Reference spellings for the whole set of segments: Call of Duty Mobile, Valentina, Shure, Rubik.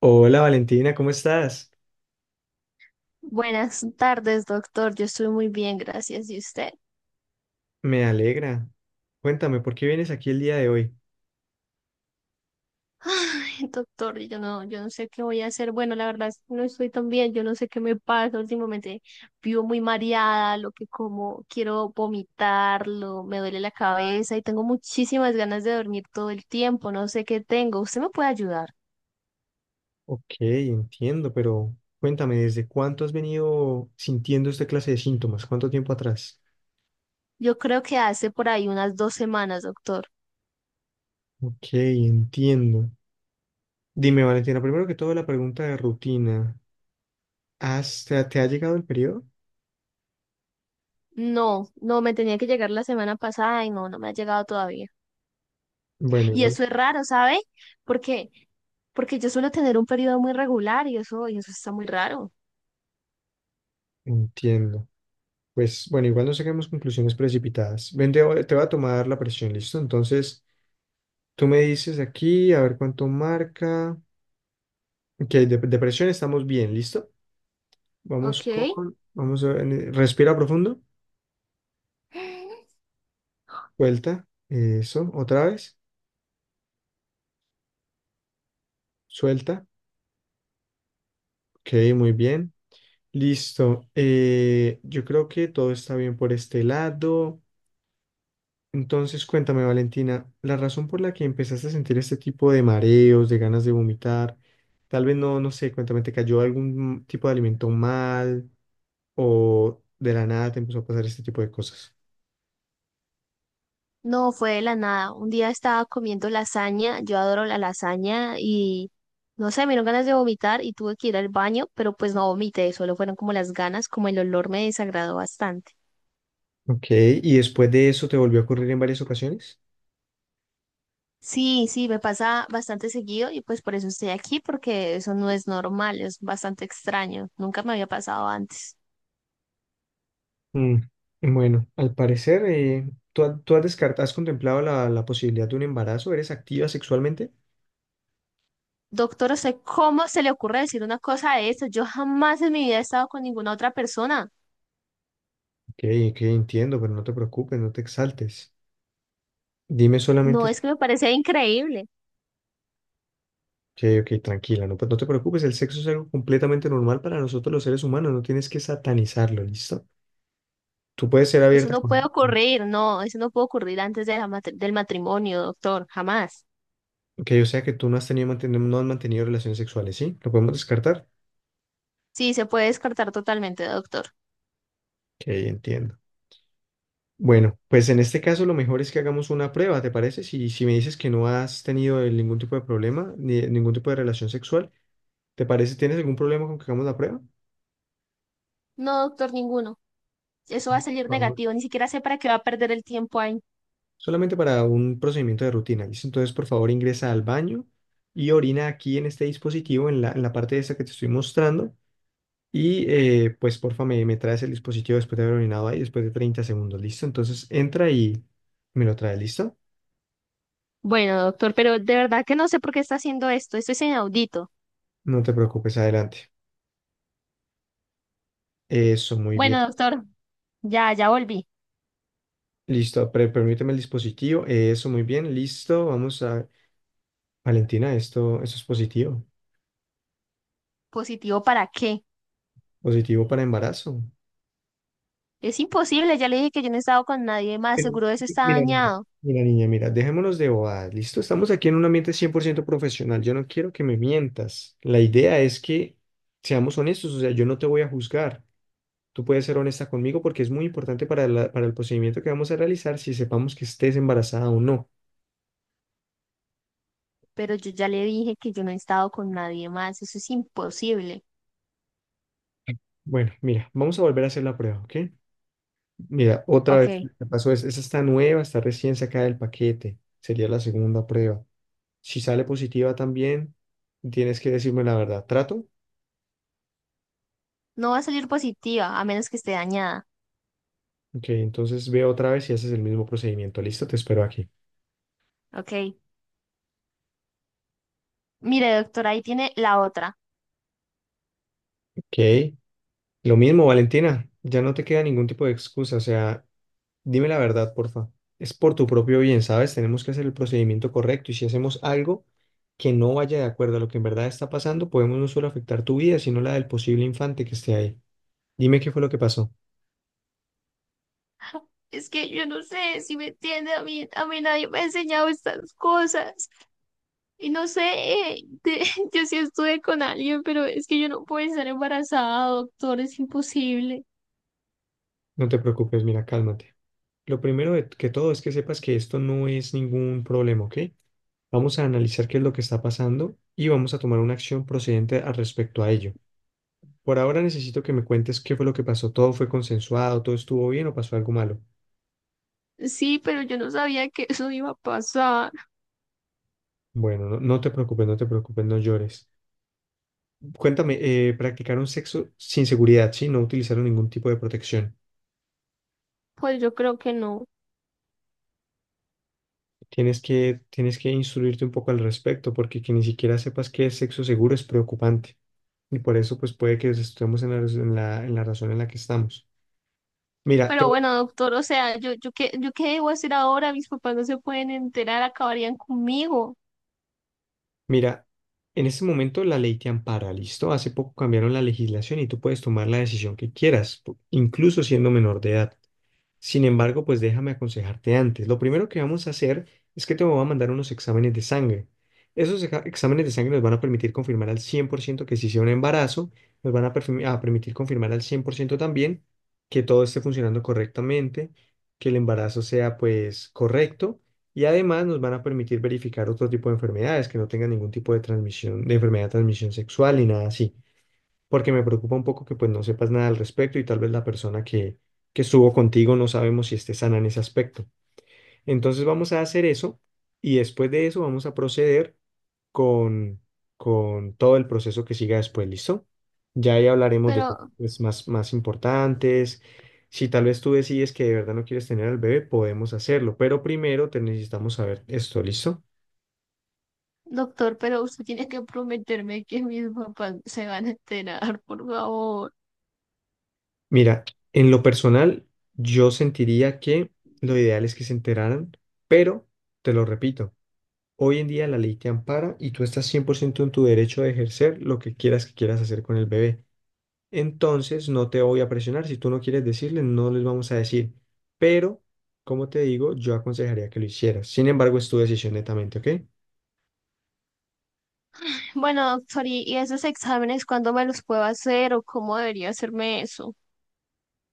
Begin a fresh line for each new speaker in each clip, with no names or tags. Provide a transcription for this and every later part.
Hola, Valentina, ¿cómo estás?
Buenas tardes, doctor. Yo estoy muy bien, gracias. ¿Y usted?
Me alegra. Cuéntame, ¿por qué vienes aquí el día de hoy?
Ay, doctor, yo no sé qué voy a hacer. Bueno, la verdad es que no estoy tan bien. Yo no sé qué me pasa. Últimamente vivo muy mareada, lo que como quiero vomitarlo, me duele la cabeza y tengo muchísimas ganas de dormir todo el tiempo. No sé qué tengo. ¿Usted me puede ayudar?
Ok, entiendo, pero cuéntame, ¿desde cuánto has venido sintiendo esta clase de síntomas? ¿Cuánto tiempo atrás?
Yo creo que hace por ahí unas 2 semanas, doctor.
Ok, entiendo. Dime, Valentina, primero que todo, la pregunta de rutina. ¿ Te ha llegado el periodo?
No, no, me tenía que llegar la semana pasada y no, no me ha llegado todavía.
Bueno,
Y
igual.
eso es raro, ¿sabe? Porque porque yo suelo tener un periodo muy regular y eso está muy raro.
Entiendo. Pues bueno, igual no saquemos conclusiones precipitadas. Ven, te voy a tomar la presión, ¿listo? Entonces, tú me dices aquí, a ver cuánto marca. Ok, de presión estamos bien, ¿listo? Vamos
Ok.
con, vamos a, en- respira profundo, suelta, eso, otra vez, suelta, ok, muy bien, listo. Yo creo que todo está bien por este lado. Entonces, cuéntame, Valentina, la razón por la que empezaste a sentir este tipo de mareos, de ganas de vomitar, tal vez no sé, cuéntame, ¿te cayó algún tipo de alimento mal o de la nada te empezó a pasar este tipo de cosas?
No, fue de la nada. Un día estaba comiendo lasaña, yo adoro la lasaña y no sé, me dieron ganas de vomitar y tuve que ir al baño, pero pues no vomité, solo fueron como las ganas, como el olor me desagradó bastante.
Ok, ¿y después de eso te volvió a ocurrir en varias ocasiones?
Sí, sí, me pasa bastante seguido y pues por eso estoy aquí, porque eso no es normal, es bastante extraño, nunca me había pasado antes.
Mm, Bueno, al parecer, tú has descartado, has contemplado la posibilidad de un embarazo? ¿Eres activa sexualmente?
Doctor, ¿usted cómo se le ocurre decir una cosa de esto? Yo jamás en mi vida he estado con ninguna otra persona.
Ok, ok, entiendo, pero no te preocupes, no te exaltes. Dime
No,
solamente...
es que me parece increíble.
Ok, ok, tranquila, no, pues no te preocupes, el sexo es algo completamente normal para nosotros los seres humanos, no tienes que satanizarlo, ¿listo? Tú puedes ser
Eso
abierta
no puede
con...
ocurrir, no, eso no puede ocurrir antes de la del matrimonio, doctor, jamás.
Ok, o sea que tú no has tenido, no has mantenido relaciones sexuales, ¿sí? ¿Lo podemos descartar?
Sí, se puede descartar totalmente, doctor.
Ok, entiendo. Bueno, pues en este caso lo mejor es que hagamos una prueba, ¿te parece? Si si me dices que no has tenido ningún tipo de problema, ni ningún tipo de relación sexual, ¿te parece? ¿Tienes algún problema con que hagamos la prueba?
No, doctor, ninguno. Eso va a
Por
salir
favor.
negativo, ni siquiera sé para qué va a perder el tiempo ahí.
Solamente para un procedimiento de rutina, ¿listo? Entonces, por favor, ingresa al baño y orina aquí en este dispositivo, en en la parte de esta que te estoy mostrando. Y porfa, me traes el dispositivo después de haber orinado ahí, después de 30 segundos, ¿listo? Entonces, entra y me lo trae, ¿listo?
Bueno, doctor, pero de verdad que no sé por qué está haciendo esto, esto es inaudito.
No te preocupes, adelante. Eso, muy bien.
Bueno, doctor, ya volví.
Listo, permíteme el dispositivo. Eso, muy bien, listo. Vamos a... Valentina, esto, eso es positivo.
¿Positivo para qué?
Positivo para embarazo.
Es imposible, ya le dije que yo no he estado con nadie más,
Pero,
seguro eso está
mira, mira,
dañado,
mira, niña, mira, dejémonos de bobadas, ¿listo? Estamos aquí en un ambiente 100% profesional. Yo no quiero que me mientas. La idea es que seamos honestos, o sea, yo no te voy a juzgar. Tú puedes ser honesta conmigo porque es muy importante para para el procedimiento que vamos a realizar si sepamos que estés embarazada o no.
pero yo ya le dije que yo no he estado con nadie más, eso es imposible.
Bueno, mira, vamos a volver a hacer la prueba, ¿ok? Mira, otra
Ok,
vez me pasó, es, esa está nueva, está recién sacada del paquete. Sería la segunda prueba. Si sale positiva también, tienes que decirme la verdad. ¿Trato?
no va a salir positiva a menos que esté dañada.
Ok, entonces ve otra vez y haces el mismo procedimiento. Listo, te espero aquí.
Ok, mire doctora, ahí tiene la otra.
Ok. Lo mismo, Valentina. Ya no te queda ningún tipo de excusa. O sea, dime la verdad, porfa. Es por tu propio bien, ¿sabes? Tenemos que hacer el procedimiento correcto, y si hacemos algo que no vaya de acuerdo a lo que en verdad está pasando, podemos no solo afectar tu vida, sino la del posible infante que esté ahí. Dime qué fue lo que pasó.
Es que yo no sé si me entiende, a mí nadie me ha enseñado estas cosas. Y no sé, yo sí estuve con alguien, pero es que yo no puedo estar embarazada, doctor, es imposible.
No te preocupes, mira, cálmate. Lo primero que todo es que sepas que esto no es ningún problema, ¿ok? Vamos a analizar qué es lo que está pasando y vamos a tomar una acción procedente al respecto a ello. Por ahora necesito que me cuentes qué fue lo que pasó. ¿Todo fue consensuado? ¿Todo estuvo bien o pasó algo malo?
Sí, pero yo no sabía que eso iba a pasar.
Bueno, no, no te preocupes, no te preocupes, no llores. Cuéntame, practicaron sexo sin seguridad, ¿sí? No utilizaron ningún tipo de protección.
Pues yo creo que no.
Tienes que instruirte un poco al respecto, porque que ni siquiera sepas qué es sexo seguro es preocupante. Y por eso, pues puede que estemos en la, raz- en la razón en la que estamos. Mira, te,
Pero bueno, doctor, o sea, yo qué debo hacer ahora, mis papás no se pueden enterar, acabarían conmigo.
mira, en este momento la ley te ampara, ¿listo? Hace poco cambiaron la legislación y tú puedes tomar la decisión que quieras, incluso siendo menor de edad. Sin embargo, pues déjame aconsejarte antes. Lo primero que vamos a hacer es que te voy a mandar unos exámenes de sangre. Esos exámenes de sangre nos van a permitir confirmar al 100% que sí sea un embarazo, nos van a permitir confirmar al 100% también que todo esté funcionando correctamente, que el embarazo sea pues correcto, y además nos van a permitir verificar otro tipo de enfermedades, que no tengan ningún tipo de transmisión, de enfermedad de transmisión sexual ni nada así. Porque me preocupa un poco que pues no sepas nada al respecto y tal vez que estuvo contigo no sabemos si esté sana en ese aspecto. Entonces vamos a hacer eso y después de eso vamos a proceder con, con todo el proceso que siga después, ¿listo? Ya ahí hablaremos de
Pero,
temas más importantes. Si tal vez tú decides que de verdad no quieres tener al bebé, podemos hacerlo, pero primero te necesitamos saber esto, ¿listo?
doctor, pero usted tiene que prometerme que mis papás se van a enterar, por favor.
Mira, en lo personal, yo sentiría que lo ideal es que se enteraran, pero te lo repito, hoy en día la ley te ampara y tú estás 100% en tu derecho de ejercer lo que quieras hacer con el bebé. Entonces no te voy a presionar. Si tú no quieres decirles, no les vamos a decir. Pero, como te digo, yo aconsejaría que lo hicieras. Sin embargo, es tu decisión netamente, ¿ok?
Bueno, doctor, ¿y esos exámenes cuándo me los puedo hacer o cómo debería hacerme eso?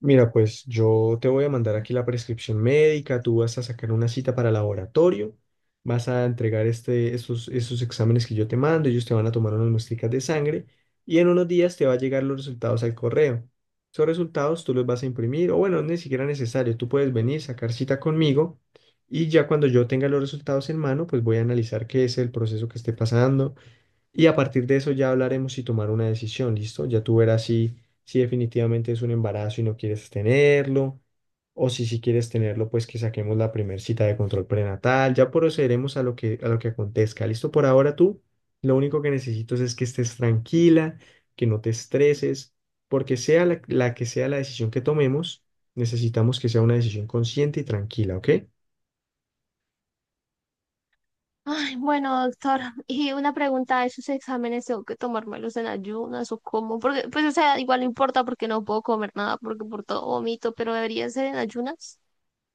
Mira, pues yo te voy a mandar aquí la prescripción médica, tú vas a sacar una cita para laboratorio, vas a entregar estos exámenes que yo te mando, ellos te van a tomar unas muestricas de sangre y en unos días te va a llegar los resultados al correo. Esos resultados tú los vas a imprimir, o bueno, ni siquiera necesario, tú puedes venir, sacar cita conmigo, y ya cuando yo tenga los resultados en mano, pues voy a analizar qué es el proceso que esté pasando, y a partir de eso ya hablaremos y tomar una decisión, ¿listo? Ya tú verás si si definitivamente es un embarazo y no quieres tenerlo, o si quieres tenerlo, pues que saquemos la primer cita de control prenatal. Ya procederemos a a lo que acontezca, ¿listo? Por ahora tú, lo único que necesito es que estés tranquila, que no te estreses, porque sea la que sea la decisión que tomemos, necesitamos que sea una decisión consciente y tranquila, ¿ok?
Ay, bueno, doctor, y una pregunta, ¿esos exámenes tengo que tomármelos en ayunas o cómo? Porque, pues, o sea, igual no importa porque no puedo comer nada, porque por todo vomito, pero debería ser en ayunas.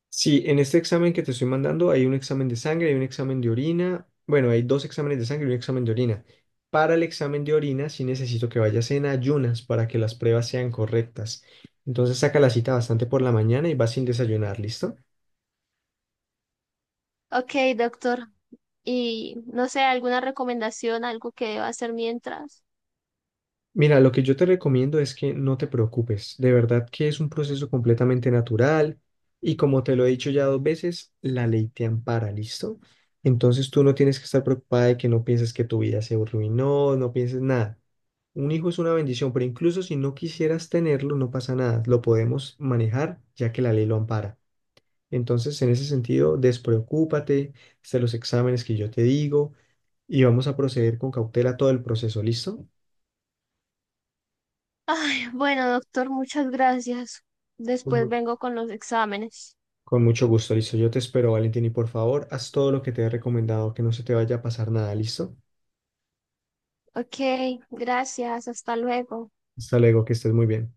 Sí, en este examen que te estoy mandando hay un examen de sangre, hay un examen de orina. Bueno, hay dos exámenes de sangre y un examen de orina. Para el examen de orina sí necesito que vayas en ayunas para que las pruebas sean correctas. Entonces saca la cita bastante por la mañana y vas sin desayunar, ¿listo?
Ok, doctor. Y no sé, alguna recomendación, algo que deba hacer mientras.
Mira, lo que yo te recomiendo es que no te preocupes. De verdad que es un proceso completamente natural y, como te lo he dicho ya 2 veces, la ley te ampara, ¿listo? Entonces tú no tienes que estar preocupada, de que no pienses que tu vida se arruinó, no pienses nada. Un hijo es una bendición, pero incluso si no quisieras tenerlo, no pasa nada. Lo podemos manejar ya que la ley lo ampara. Entonces, en ese sentido, despreocúpate, haz los exámenes que yo te digo y vamos a proceder con cautela todo el proceso, ¿listo?
Ay, bueno, doctor, muchas gracias. Después
Con
vengo con los exámenes.
Con mucho gusto, listo. Yo te espero, Valentín, y por favor, haz todo lo que te he recomendado, que no se te vaya a pasar nada, ¿listo?
Ok, gracias, hasta luego.
Hasta luego, que estés muy bien.